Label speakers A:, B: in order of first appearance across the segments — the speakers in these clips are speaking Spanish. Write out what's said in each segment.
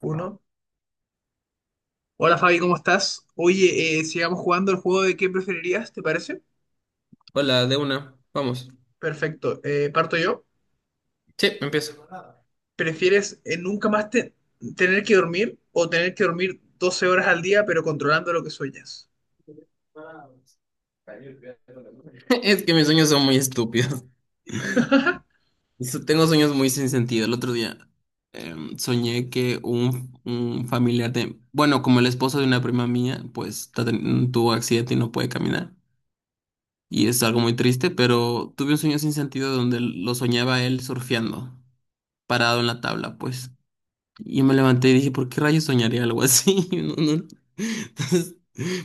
A: Uno. Hola Fabi, ¿cómo estás? Oye, sigamos jugando el juego de qué preferirías, ¿te parece?
B: Hola, de una. Vamos.
A: Perfecto. Parto yo.
B: Sí, empiezo.
A: ¿Prefieres nunca más te- tener que dormir o tener que dormir 12 horas al día pero controlando lo que sueñas?
B: Es que mis sueños son muy estúpidos. Tengo sueños muy sin sentido. El otro día soñé que un familiar de, bueno, como el esposo de una prima mía, pues tuvo accidente y no puede caminar. Y es algo muy triste, pero tuve un sueño sin sentido donde lo soñaba él surfeando, parado en la tabla, pues. Y me levanté y dije, ¿por qué rayos soñaría algo así? No, no. Entonces,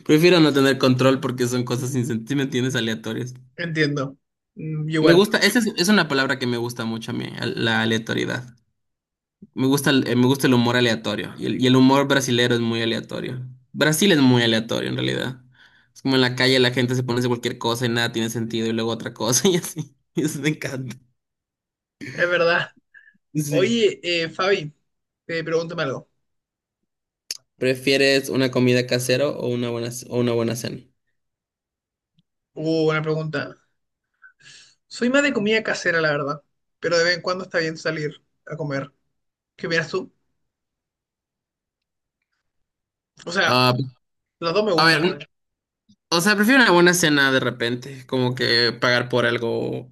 B: prefiero no tener control porque son cosas sin sentido, ¿me entiendes? Aleatorias.
A: Entiendo. Mm,
B: Me
A: igual,
B: gusta, esa es una palabra que me gusta mucho a mí, la aleatoriedad. Me gusta el humor aleatorio y el humor brasilero es muy aleatorio. Brasil es muy aleatorio en realidad. Es como en la calle la gente se pone a hacer cualquier cosa y nada tiene sentido y luego otra cosa y así. Eso me encanta.
A: es verdad.
B: Sí.
A: Oye, Fabi, pregúntame algo.
B: ¿Prefieres una comida casera o o una buena cena?
A: Buena pregunta. Soy más de comida casera, la verdad, pero de vez en cuando está bien salir a comer. ¿Qué opinas tú? O sea,
B: Ah,
A: las dos me
B: a ver,
A: gustan, la verdad.
B: o sea, prefiero una buena cena de repente, como que pagar por algo.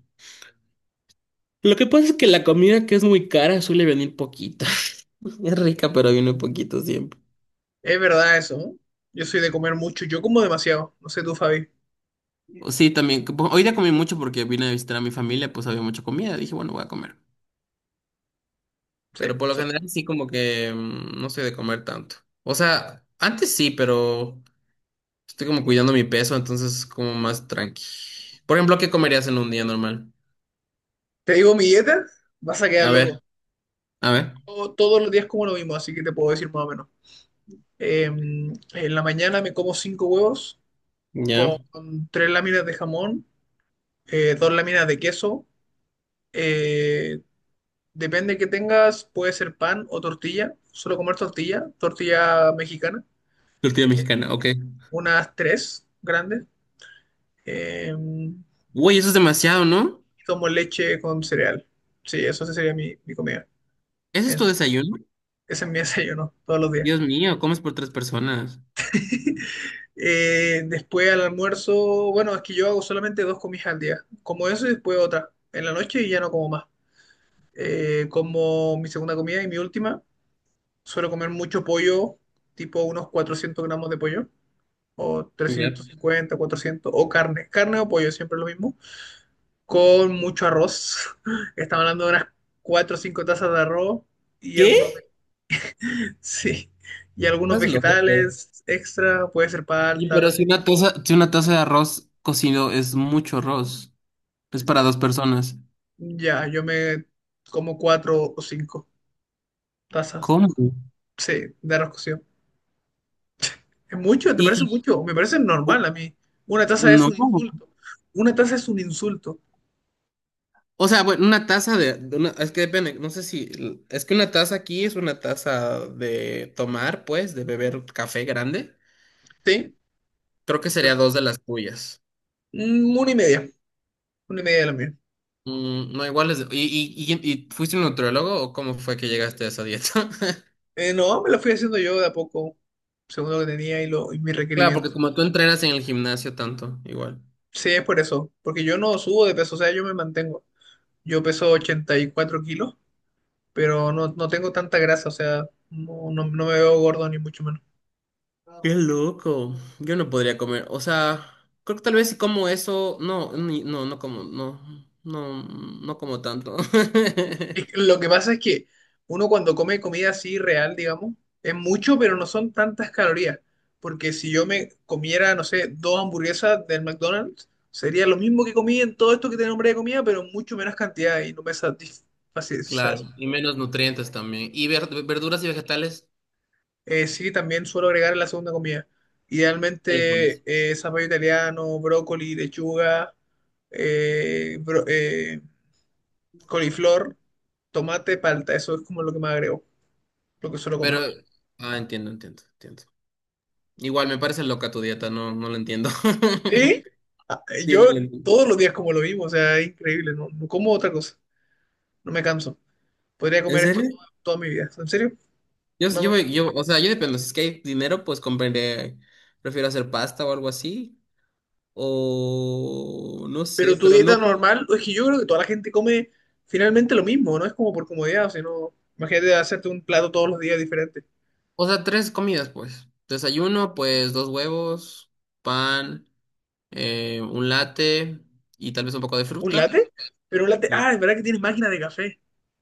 B: Lo que pasa es que la comida que es muy cara suele venir poquito. Es rica, pero viene poquito siempre.
A: Es verdad eso, ¿no? Yo soy de comer mucho, yo como demasiado. No sé tú, Fabi.
B: Sí, también. Hoy día comí mucho porque vine a visitar a mi familia, pues había mucha comida. Dije, bueno, voy a comer.
A: Sí,
B: Pero por lo general sí como que no soy de comer tanto. O sea, antes sí, pero estoy como cuidando mi peso, entonces como más tranqui. Por ejemplo, ¿qué comerías en un día normal?
A: te digo mi dieta, vas a quedar
B: A
A: loco.
B: ver, a ver.
A: Yo todos los días como lo mismo, así que te puedo decir más o menos. En la mañana me como 5 huevos con
B: ¿Ya?
A: 3 láminas de jamón, 2 láminas de queso. eh, Depende que tengas, puede ser pan o tortilla. Solo comer tortilla, tortilla mexicana,
B: Tortilla mexicana, ok.
A: unas tres grandes. eh,
B: Uy, eso es demasiado, ¿no?
A: y tomo leche con cereal. Sí, eso sí sería mi comida.
B: ¿Ese es tu desayuno?
A: Ese es mi desayuno todos los días.
B: Dios mío, comes por tres personas.
A: Después al almuerzo, bueno, es que yo hago solamente dos comidas al día. Como eso y después otra. En la noche y ya no como más. Como mi segunda comida y mi última. Suelo comer mucho pollo, tipo unos 400 gramos de pollo. O
B: ¿Ya?
A: 350 400. O carne. Carne o pollo, siempre lo mismo. Con mucho arroz. Estamos hablando de unas 4 o 5 tazas de arroz y algunos.
B: ¿Qué?
A: Sí, y algunos
B: Estás loco.
A: vegetales extra, puede ser palta,
B: Pero si una taza de arroz cocido es mucho arroz, es para dos personas.
A: ya, yo me como cuatro o cinco tazas,
B: ¿Cómo?
A: sí, de arroz cocido. ¿Es mucho? ¿Te parece
B: Y-
A: mucho? Me parece
B: oh,
A: normal a mí. Una taza es
B: no.
A: un insulto. Una taza es un insulto,
B: O sea, bueno, una taza es que depende, no sé si, es que una taza aquí es una taza de tomar, pues, de beber café grande.
A: ¿sí?
B: Creo que sería
A: Es
B: dos de las tuyas.
A: mm, una y media de la mía.
B: No, igual es, y fuiste un nutriólogo o cómo fue que llegaste a esa dieta?
A: No, me lo fui haciendo yo de a poco, según lo que tenía y mis
B: Claro, porque
A: requerimientos.
B: como tú entrenas en el gimnasio tanto, igual.
A: Sí, es por eso, porque yo no subo de peso, o sea, yo me mantengo. Yo peso 84 kilos pero no, no tengo tanta grasa, o sea, no me veo gordo ni mucho menos.
B: Qué loco. Yo no podría comer. O sea, creo que tal vez si como eso. No, no, no como, no. No, no como tanto.
A: Es que lo que pasa es que uno cuando come comida así real, digamos, es mucho, pero no son tantas calorías, porque si yo me comiera, no sé, dos hamburguesas del McDonald's, sería lo mismo que comí en todo esto que te nombré de comida, pero en mucho menos cantidad y no me satisface, ¿sabes?
B: Claro, y menos nutrientes también. Y verduras y vegetales,
A: Sí, también suelo agregar en la segunda comida.
B: ¿qué le
A: Idealmente,
B: pones?
A: zapallo italiano, brócoli, lechuga, eh, bro- eh, coliflor, tomate, palta, eso es como lo que más agrego, lo que suelo
B: Pero,
A: comer.
B: ah, entiendo, entiendo, entiendo. Igual me parece loca tu dieta, no, no la entiendo.
A: y
B: Sí, no la
A: Yo
B: entiendo.
A: todos los días como lo mismo, o sea, es increíble, no como otra cosa, no me canso. Podría
B: ¿En
A: comer esto
B: serio?
A: toda mi vida, ¿en serio?
B: Yo,
A: No me...
B: yo, yo, o sea, yo dependo. Si es que hay dinero, pues compraré. Prefiero hacer pasta o algo así. O no sé,
A: Pero tu
B: pero
A: dieta
B: no.
A: normal, es que yo creo que toda la gente come finalmente lo mismo, no es como por comodidad, sino imagínate hacerte un plato todos los días diferente.
B: O sea, tres comidas, pues. Desayuno, pues dos huevos, pan, un latte y tal vez un poco de
A: ¿Un
B: fruta.
A: latte? Pero un latte,
B: Sí.
A: ah, es verdad que tiene máquina de café.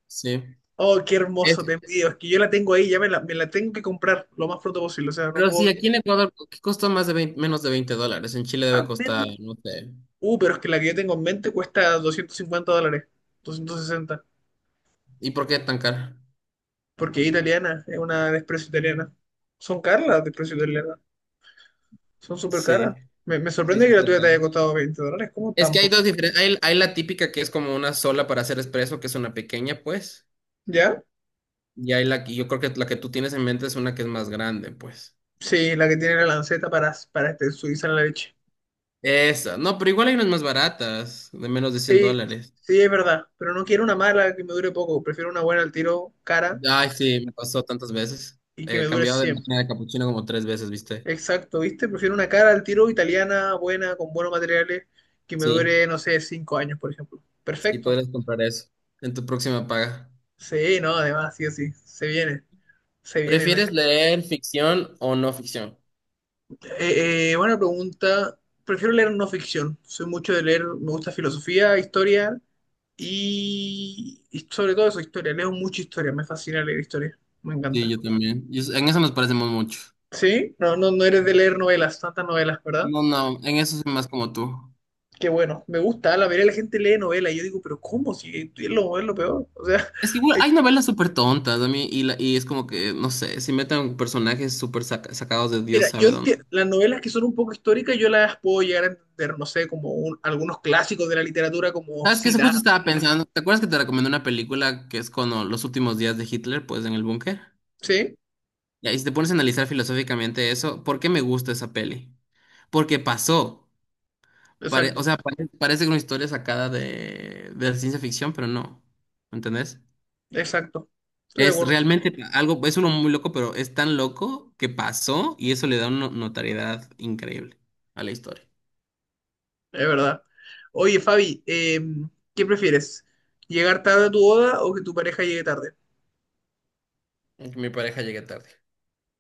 B: Sí.
A: Oh, qué hermoso, te
B: Es-
A: envidio. Es que yo la tengo ahí, ya me la tengo que comprar lo más pronto posible. O sea, no
B: pero sí,
A: puedo.
B: aquí en Ecuador, ¿qué costó? Más de 20, menos de $20. En Chile
A: A
B: debe costar,
A: menos.
B: no sé.
A: Pero es que la que yo tengo en mente cuesta 250 dólares, 260,
B: ¿Y por qué tan caro?
A: porque es italiana, es una de Espresso italiana. Son caras las de Espresso italiana, son súper caras.
B: Sí,
A: Me
B: sí,
A: sorprende
B: sí,
A: que la
B: sí.
A: tuya te haya
B: Claro.
A: costado 20 dólares, ¿cómo
B: Es
A: tan
B: que hay dos
A: poco?
B: diferentes. Hay la típica que es como una sola para hacer espresso, que es una pequeña, pues.
A: ¿Ya?
B: Y hay la que yo creo que la que tú tienes en mente es una que es más grande, pues.
A: Sí, la que tiene la lanceta para, este, suiza en la leche.
B: Esa. No, pero igual hay unas más baratas, de menos de 100
A: Sí,
B: dólares.
A: sí, es verdad, pero no quiero una mala que me dure poco, prefiero una buena al tiro, cara,
B: Ay, sí, me pasó tantas veces.
A: y que me
B: He
A: dure
B: cambiado de
A: siempre.
B: máquina de capuchino como tres veces, ¿viste?
A: Exacto, ¿viste? Prefiero una cara al tiro italiana, buena, con buenos materiales, que me
B: Sí,
A: dure, no sé, 5 años, por ejemplo.
B: sí,
A: Perfecto.
B: podrías comprar eso en tu próxima paga.
A: Sí, no, además, sí o sí, se viene. No hay-
B: ¿Prefieres leer ficción o no ficción?
A: Buena pregunta. Prefiero leer no ficción. Soy mucho de leer, me gusta filosofía, historia y sobre todo eso, historia. Leo mucha historia, me fascina leer historia, me
B: Sí,
A: encanta.
B: yo también. Y en eso nos parecemos mucho.
A: Sí, no eres de leer novelas, tantas novelas, ¿verdad?
B: No, no, en eso soy más como tú.
A: Qué bueno, me gusta, la mayoría de la gente lee novelas y yo digo, pero ¿cómo? Si es lo, es lo peor. O sea,
B: Es que igual
A: hay
B: hay novelas súper tontas a mí y es como que, no sé, si meten personajes súper sacados de Dios
A: mira, yo
B: sabe dónde.
A: entiendo, las novelas que son un poco históricas yo las puedo llegar a entender, no sé, algunos clásicos de la literatura como
B: ¿Sabes qué? Eso, justo
A: Siddhartha,
B: estaba pensando. ¿Te acuerdas que te recomendé una película que es los últimos días de Hitler, pues en el búnker?
A: ¿sí?
B: Ya. Y si te pones a analizar filosóficamente eso, ¿por qué me gusta esa peli? Porque pasó.
A: Exacto,
B: O sea, parece una historia sacada de la ciencia ficción, pero no. ¿Me entendés?
A: exacto. Estoy de
B: Es
A: acuerdo,
B: realmente algo, es uno muy loco, pero es tan loco que pasó y eso le da una notariedad increíble a la historia.
A: es verdad. Oye, Fabi, ¿qué prefieres? ¿Llegar tarde a tu boda o que tu pareja llegue tarde?
B: Es que mi pareja llegué tarde.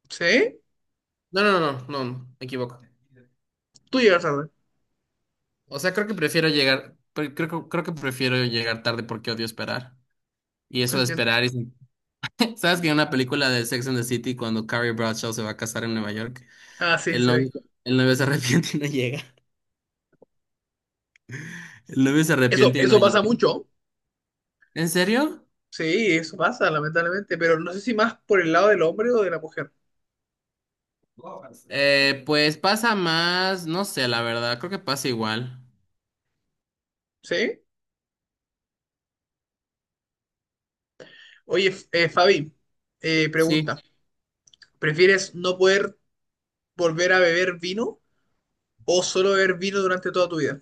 A: ¿Sí?
B: No, no, no, no, no, me equivoco.
A: Tú llegas tarde,
B: O sea, creo que prefiero llegar, creo que prefiero llegar tarde porque odio esperar. Y eso de
A: entiendo.
B: esperar es. ¿Sabes que en una película de Sex and the City, cuando Carrie Bradshaw se va a casar en Nueva York,
A: Ah, sí,
B: el
A: sí, sí.
B: novio, el novio se arrepiente y no llega? El novio se
A: Eso,
B: arrepiente y no
A: eso pasa
B: llega.
A: mucho.
B: ¿En serio?
A: Sí, eso pasa, lamentablemente, pero no sé si más por el lado del hombre o de la mujer,
B: Pues pasa más, no sé, la verdad, creo que pasa igual.
A: ¿sí? Oye, Fabi, pregunta.
B: Sí,
A: ¿Prefieres no poder volver a beber vino o solo beber vino durante toda tu vida?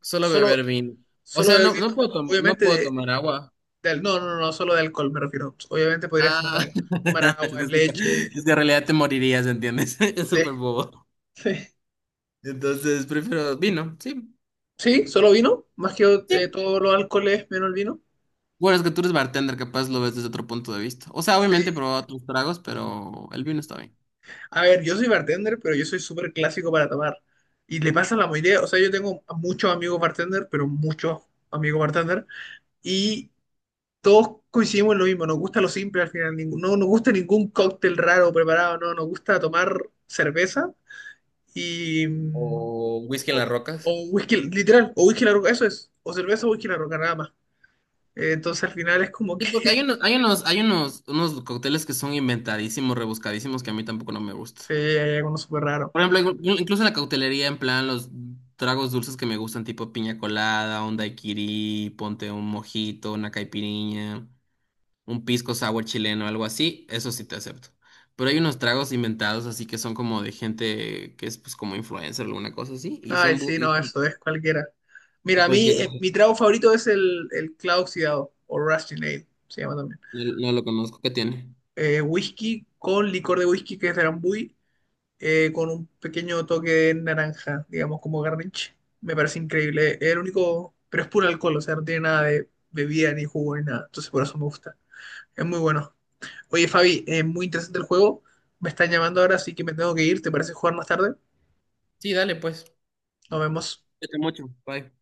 B: solo
A: Solo,
B: beber vino. O
A: solo
B: sea,
A: beber
B: no, no
A: vino,
B: puedo, no
A: obviamente,
B: puedo tomar agua.
A: no, no, no, no, solo de alcohol me refiero. Obviamente podrías
B: Ah,
A: tomar agua,
B: es que, sí,
A: leche,
B: es que en realidad te morirías, ¿entiendes? Es
A: té,
B: súper bobo.
A: sí,
B: Entonces prefiero vino, sí,
A: sí, solo vino, más que
B: sí.
A: todos los alcoholes menos el vino.
B: Bueno, es que tú eres bartender, capaz lo ves desde otro punto de vista. O sea, obviamente he
A: Sí.
B: probado otros tragos, pero el vino está bien.
A: A ver, yo soy bartender, pero yo soy súper clásico para tomar. Y le pasa a la mayoría, o sea, yo tengo muchos amigos bartender, pero muchos amigos bartender. Y todos coincidimos en lo mismo, nos gusta lo simple al final, no nos gusta ningún cóctel raro preparado, no, nos gusta tomar cerveza y... mm,
B: ¿O whisky en las
A: o,
B: rocas?
A: o whisky, literal, o whisky la roca, eso es, o cerveza o whisky la roca, nada más. Entonces al final es como que
B: Y porque hay unos, hay unos, hay unos, unos cócteles que son inventadísimos, rebuscadísimos, que a mí tampoco no me gusta.
A: se hay algo súper raro.
B: Por ejemplo, incluso en la cautelería, en plan, los tragos dulces que me gustan, tipo piña colada, un daiquiri, ponte un mojito, una caipirinha. Un pisco sour chileno, algo así, eso sí te acepto. Pero hay unos tragos inventados, así que son como de gente que es pues como influencer o alguna cosa así, y
A: Ay,
B: son,
A: sí, no, eso es cualquiera.
B: y
A: Mira, a mí,
B: cualquier, ajá,
A: mi trago favorito es el clavo oxidado, o Rusty Nail, se llama también.
B: no, no lo conozco, ¿qué tiene?
A: Whisky con licor de whisky que es de Drambuie con un pequeño toque de naranja, digamos, como garnish. Me parece increíble. Es el único, pero es puro alcohol, o sea, no tiene nada de bebida ni jugo ni nada. Entonces por eso me gusta. Es muy bueno. Oye, Fabi, es muy interesante el juego. Me están llamando ahora, así que me tengo que ir. ¿Te parece jugar más tarde?
B: Sí, dale, pues.
A: Nos vemos.
B: Cuídate mucho, bye.